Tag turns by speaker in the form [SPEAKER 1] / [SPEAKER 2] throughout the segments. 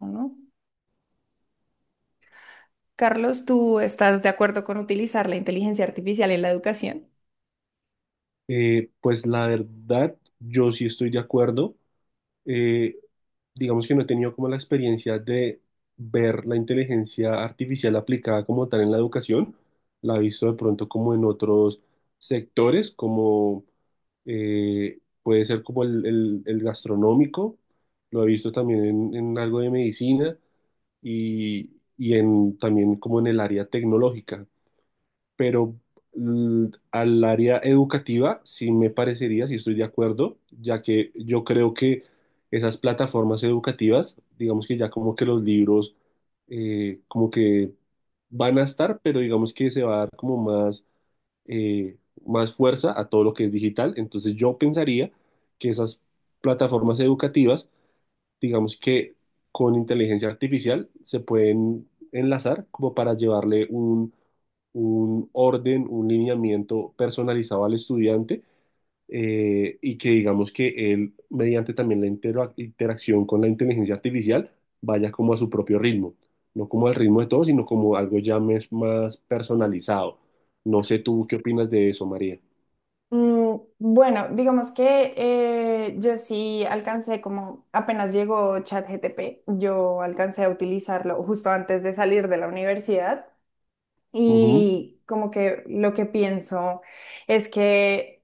[SPEAKER 1] ¿No? Carlos, ¿tú estás de acuerdo con utilizar la inteligencia artificial en la educación?
[SPEAKER 2] Pues la verdad, yo sí estoy de acuerdo. Eh, digamos que no he tenido como la experiencia de ver la inteligencia artificial aplicada como tal en la educación. La he visto de pronto como en otros sectores, como puede ser como el gastronómico. Lo he visto también en algo de medicina y, y en también como en el área tecnológica, pero al área educativa sí me parecería, sí estoy de acuerdo, ya que yo creo que esas plataformas educativas, digamos que ya como que los libros, como que van a estar, pero digamos que se va a dar como más, eh, más fuerza a todo lo que es digital. Entonces yo pensaría que esas plataformas educativas digamos que con inteligencia artificial se pueden enlazar como para llevarle un orden, un lineamiento personalizado al estudiante, y que digamos que él, mediante también la interacción con la inteligencia artificial, vaya como a su propio ritmo, no como al ritmo de todos, sino como algo ya más personalizado. No sé tú qué opinas de eso, María.
[SPEAKER 1] Mm, bueno, digamos que yo sí alcancé como apenas llegó ChatGPT, yo alcancé a utilizarlo justo antes de salir de la universidad
[SPEAKER 2] Ujú.
[SPEAKER 1] y como que lo que pienso es que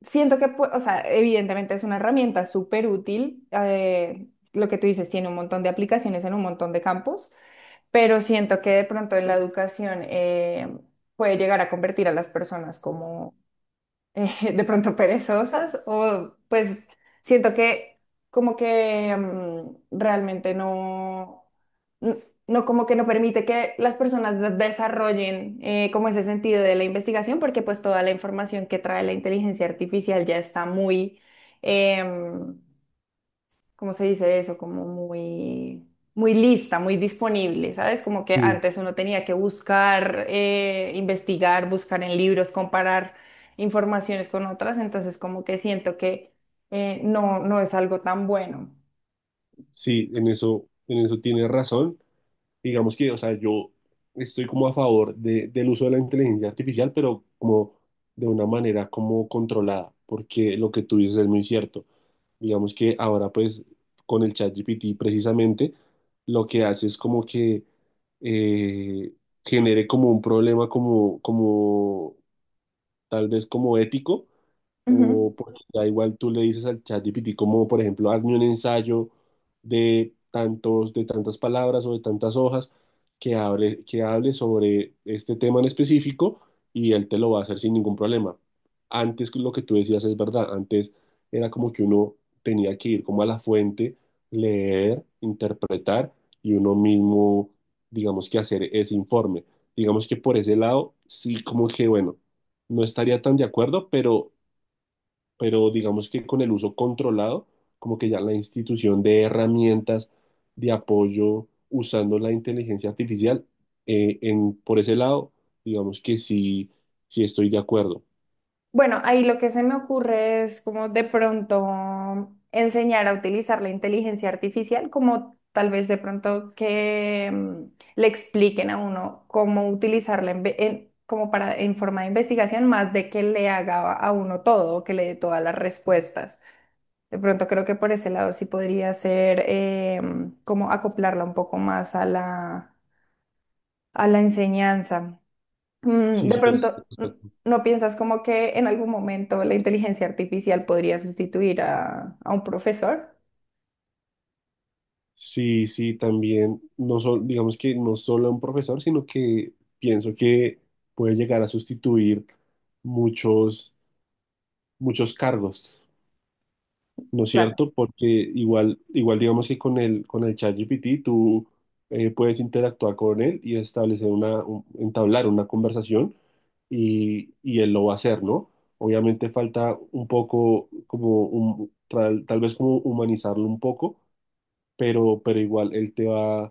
[SPEAKER 1] siento que, o sea, evidentemente es una herramienta súper útil, lo que tú dices tiene un montón de aplicaciones en un montón de campos, pero siento que de pronto en la educación puede llegar a convertir a las personas como de pronto perezosas o pues siento que como que realmente no, n- no, como que no permite que las personas desarrollen, como ese sentido de la investigación, porque pues toda la información que trae la inteligencia artificial ya está muy... em, ¿cómo se dice eso? Como muy, muy lista, muy disponible, ¿sabes? Como que
[SPEAKER 2] Sí.
[SPEAKER 1] antes uno tenía que buscar, investigar, buscar en libros, comparar informaciones con otras, entonces como que siento que no, no es algo tan bueno.
[SPEAKER 2] Sí, en eso tienes razón. Digamos que, o sea, yo estoy como a favor del uso de la inteligencia artificial, pero como de una manera como controlada, porque lo que tú dices es muy cierto. Digamos que ahora pues con el ChatGPT precisamente lo que hace es como que eh, genere como un problema como, como tal vez como ético, o porque ya igual tú le dices al chat GPT como, por ejemplo, hazme un ensayo de tantos, de tantas palabras o de tantas hojas, que hable sobre este tema en específico, y él te lo va a hacer sin ningún problema. Antes lo que tú decías es verdad, antes era como que uno tenía que ir como a la fuente, leer, interpretar y uno mismo, digamos que hacer ese informe. Digamos que por ese lado, sí, como que bueno, no estaría tan de acuerdo, pero digamos que con el uso controlado, como que ya la institución de herramientas de apoyo usando la inteligencia artificial, por ese lado, digamos que sí, sí estoy de acuerdo.
[SPEAKER 1] Bueno, ahí lo que se me ocurre es como de pronto enseñar a utilizar la inteligencia artificial, como tal vez de pronto que le expliquen a uno cómo utilizarla como para en forma de investigación, más de que le haga a uno todo, que le dé todas las respuestas. De pronto creo que por ese lado sí podría ser como acoplarla un poco más a la enseñanza. Mm,
[SPEAKER 2] Sí,
[SPEAKER 1] de
[SPEAKER 2] sí,
[SPEAKER 1] pronto, mm, ¿no piensas como que en algún momento la inteligencia artificial podría sustituir a un profesor?
[SPEAKER 2] sí, sí, también, digamos que no solo un profesor, sino que pienso que puede llegar a sustituir muchos, muchos cargos. ¿No es
[SPEAKER 1] Claro,
[SPEAKER 2] cierto? Porque igual, igual digamos que con el ChatGPT tú puedes interactuar con él y establecer una, entablar una conversación y él lo va a hacer, ¿no? Obviamente falta un poco como un, tal, tal vez como humanizarlo un poco, pero igual él te va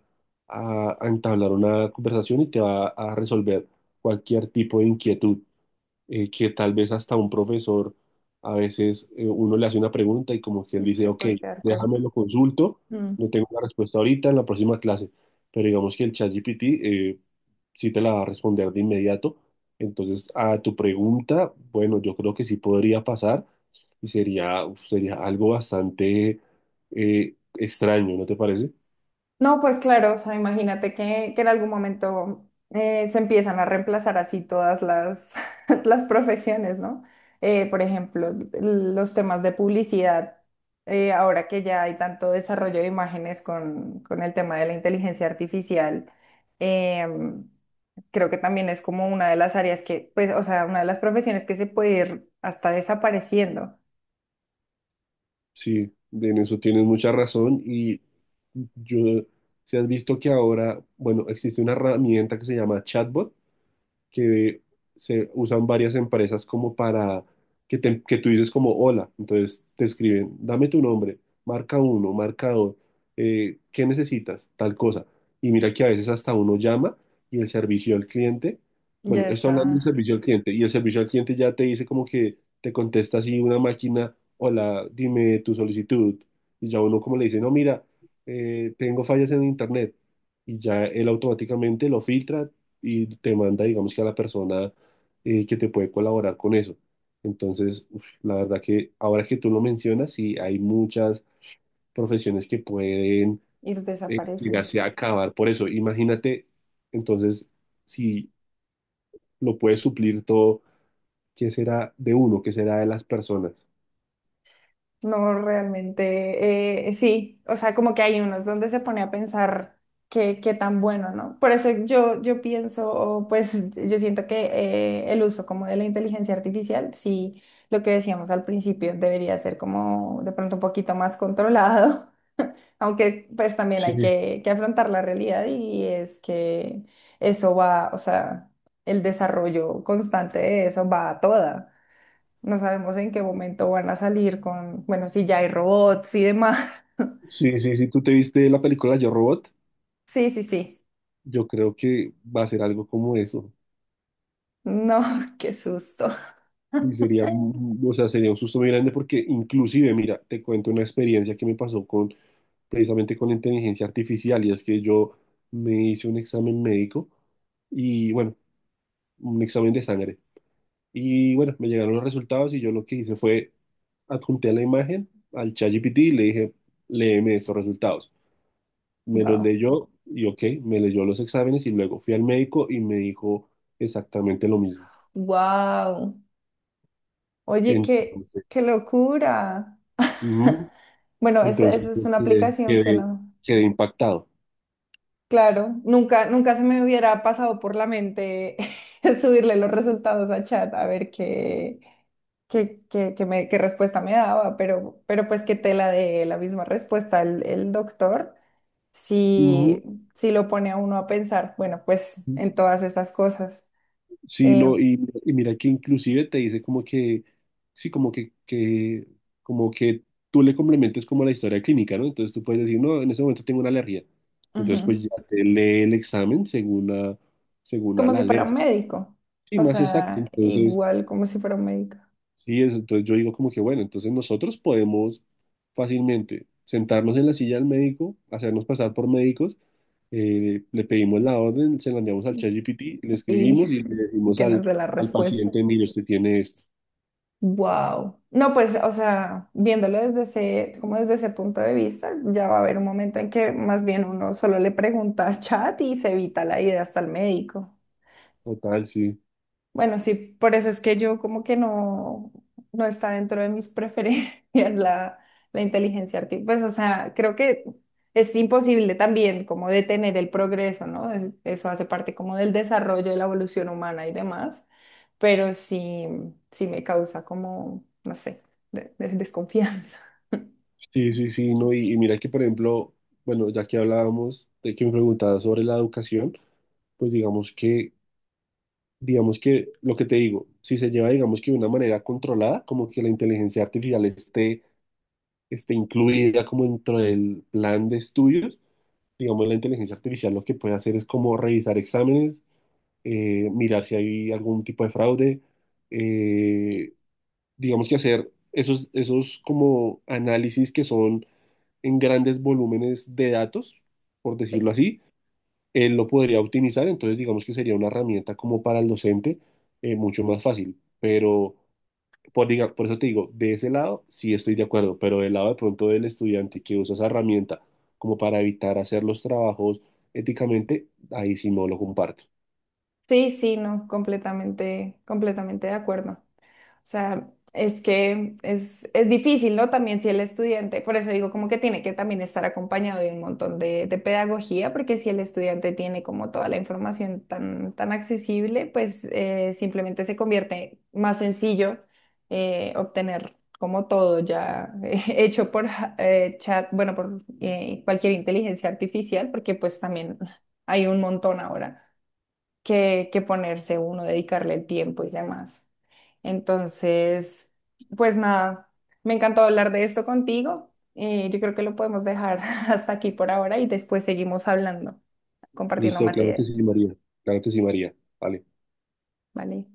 [SPEAKER 2] a entablar una conversación y te va a resolver cualquier tipo de inquietud, que tal vez hasta un profesor, a veces uno le hace una pregunta y como que él dice,
[SPEAKER 1] se
[SPEAKER 2] ok,
[SPEAKER 1] puede quedar
[SPEAKER 2] déjame
[SPEAKER 1] corto.
[SPEAKER 2] lo consulto, no tengo la respuesta ahorita, en la próxima clase, pero digamos que el ChatGPT sí te la va a responder de inmediato. Entonces, a tu pregunta, bueno, yo creo que sí podría pasar y sería, uf, sería algo bastante extraño, ¿no te parece?
[SPEAKER 1] No, pues claro, o sea, imagínate que en algún momento se empiezan a reemplazar así todas las, las profesiones, ¿no? Por ejemplo, los temas de publicidad, ahora que ya hay tanto desarrollo de imágenes con el tema de la inteligencia artificial, em, creo que también es como una de las áreas que, pues, o sea, una de las profesiones que se puede ir hasta desapareciendo.
[SPEAKER 2] Sí, en eso tienes mucha razón y yo, si has visto que ahora, bueno, existe una herramienta que se llama chatbot, que se usan varias empresas como para que, que tú dices como hola, entonces te escriben, dame tu nombre, marca uno, marca dos, ¿qué necesitas? Tal cosa. Y mira que a veces hasta uno llama y el servicio al cliente, bueno,
[SPEAKER 1] Ya
[SPEAKER 2] esto hablando del
[SPEAKER 1] está,
[SPEAKER 2] servicio al cliente, y el servicio al cliente ya te dice como que te contesta así una máquina, hola, dime tu solicitud, y ya uno como le dice, no, mira, tengo fallas en internet, y ya él automáticamente lo filtra, y te manda, digamos que a la persona que te puede colaborar con eso. Entonces, uf, la verdad que ahora que tú lo mencionas, sí, hay muchas profesiones que pueden
[SPEAKER 1] ir desapareciendo.
[SPEAKER 2] llegarse a acabar por eso. Imagínate, entonces, si lo puedes suplir todo, ¿qué será de uno? ¿Qué será de las personas?
[SPEAKER 1] No, realmente, sí, o sea, como que hay unos donde se pone a pensar qué, qué tan bueno, ¿no? Por eso yo, yo pienso, o pues yo siento que el uso como de la inteligencia artificial, sí, lo que decíamos al principio, debería ser como de pronto un poquito más controlado, aunque pues también hay
[SPEAKER 2] Sí,
[SPEAKER 1] que afrontar la realidad, y es que eso va, o sea, el desarrollo constante de eso va a toda. No sabemos en qué momento van a salir con, bueno, si ya hay robots y demás.
[SPEAKER 2] sí, sí, sí, ¿tú te viste la película Yo Robot?
[SPEAKER 1] Sí, sí, sí.
[SPEAKER 2] Yo creo que va a ser algo como eso.
[SPEAKER 1] No, qué susto.
[SPEAKER 2] Sí, sería, o sea, sería un susto muy grande porque inclusive, mira, te cuento una experiencia que me pasó con, precisamente con la inteligencia artificial, y es que yo me hice un examen médico y, bueno, un examen de sangre. Y, bueno, me llegaron los resultados y yo lo que hice fue adjunté la imagen al ChatGPT y le dije, léeme estos resultados. Me los
[SPEAKER 1] Wow.
[SPEAKER 2] leyó y, ok, me leyó los exámenes y luego fui al médico y me dijo exactamente lo mismo.
[SPEAKER 1] Wow. Oye, qué, qué
[SPEAKER 2] Entonces...
[SPEAKER 1] locura.
[SPEAKER 2] ujú.
[SPEAKER 1] Bueno, esa,
[SPEAKER 2] Entonces
[SPEAKER 1] esa es
[SPEAKER 2] yo
[SPEAKER 1] una
[SPEAKER 2] quedé,
[SPEAKER 1] aplicación que no.
[SPEAKER 2] quedé impactado.
[SPEAKER 1] Claro, nunca, nunca se me hubiera pasado por la mente subirle los resultados a chat a ver qué, qué, qué, qué qué respuesta me daba, pero pues qué tela de la misma respuesta el doctor.
[SPEAKER 2] Ujú.
[SPEAKER 1] Si si lo pone a uno a pensar, bueno, pues en todas esas cosas.
[SPEAKER 2] Sí,
[SPEAKER 1] Eh,
[SPEAKER 2] no, y mira que inclusive te dice como que, sí, como que, como que tú le complementes como la historia clínica, ¿no? Entonces tú puedes decir, no, en ese momento tengo una alergia. Entonces
[SPEAKER 1] ujú.
[SPEAKER 2] pues ya te lee el examen según a, según a
[SPEAKER 1] Como
[SPEAKER 2] la
[SPEAKER 1] si fuera un
[SPEAKER 2] alergia, ¿no?
[SPEAKER 1] médico,
[SPEAKER 2] Sí,
[SPEAKER 1] o
[SPEAKER 2] más exacto.
[SPEAKER 1] sea,
[SPEAKER 2] Entonces,
[SPEAKER 1] igual como si fuera un médico.
[SPEAKER 2] sí, eso, entonces yo digo como que, bueno, entonces nosotros podemos fácilmente sentarnos en la silla del médico, hacernos pasar por médicos, le pedimos la orden, se la enviamos al ChatGPT, le
[SPEAKER 1] Y,
[SPEAKER 2] escribimos y le
[SPEAKER 1] y
[SPEAKER 2] decimos
[SPEAKER 1] que nos
[SPEAKER 2] al,
[SPEAKER 1] dé la
[SPEAKER 2] al
[SPEAKER 1] respuesta.
[SPEAKER 2] paciente, mire, usted tiene esto.
[SPEAKER 1] Wow. No, pues, o sea, viéndolo desde ese, como desde ese punto de vista, ya va a haber un momento en que más bien uno solo le pregunta a chat y se evita la idea hasta el médico.
[SPEAKER 2] Total, sí.
[SPEAKER 1] Bueno, sí, por eso es que yo como que no, no está dentro de mis preferencias la inteligencia artificial. Pues, o sea, creo que es imposible también como detener el progreso, ¿no? Eso hace parte como del desarrollo de la evolución humana y demás, pero sí, sí me causa como, no sé, desconfianza.
[SPEAKER 2] Sí, sí, sí, no, y mira que, por ejemplo, bueno, ya que hablábamos de que me preguntabas sobre la educación, pues digamos que lo que te digo, si se lleva, digamos que de una manera controlada, como que la inteligencia artificial esté incluida como dentro del plan de estudios. Digamos, la inteligencia artificial lo que puede hacer es como revisar exámenes, mirar si hay algún tipo de fraude, eh, digamos que hacer esos, esos como análisis que son en grandes volúmenes de datos, por
[SPEAKER 1] Sí,
[SPEAKER 2] decirlo así, él lo podría optimizar, entonces digamos que sería una herramienta como para el docente, mucho más fácil, pero por, por eso te digo, de ese lado sí estoy de acuerdo, pero del lado de pronto del estudiante que usa esa herramienta como para evitar hacer los trabajos éticamente, ahí sí no lo comparto.
[SPEAKER 1] sí, sí, no, completamente, completamente de acuerdo. O sea, es que es difícil, ¿no? También si el estudiante, por eso digo como que tiene que también estar acompañado de un montón de pedagogía, porque si el estudiante tiene como toda la información tan, tan accesible, pues simplemente se convierte más sencillo obtener como todo ya hecho por chat, bueno, por cualquier inteligencia artificial, porque pues también hay un montón ahora que ponerse uno, dedicarle el tiempo y demás. Entonces, pues nada, me encantó hablar de esto contigo. Y yo creo que lo podemos dejar hasta aquí por ahora y después seguimos hablando, compartiendo
[SPEAKER 2] Listo,
[SPEAKER 1] más
[SPEAKER 2] claro que
[SPEAKER 1] ideas,
[SPEAKER 2] sí, María. Claro que sí, María. Vale.
[SPEAKER 1] ¿vale?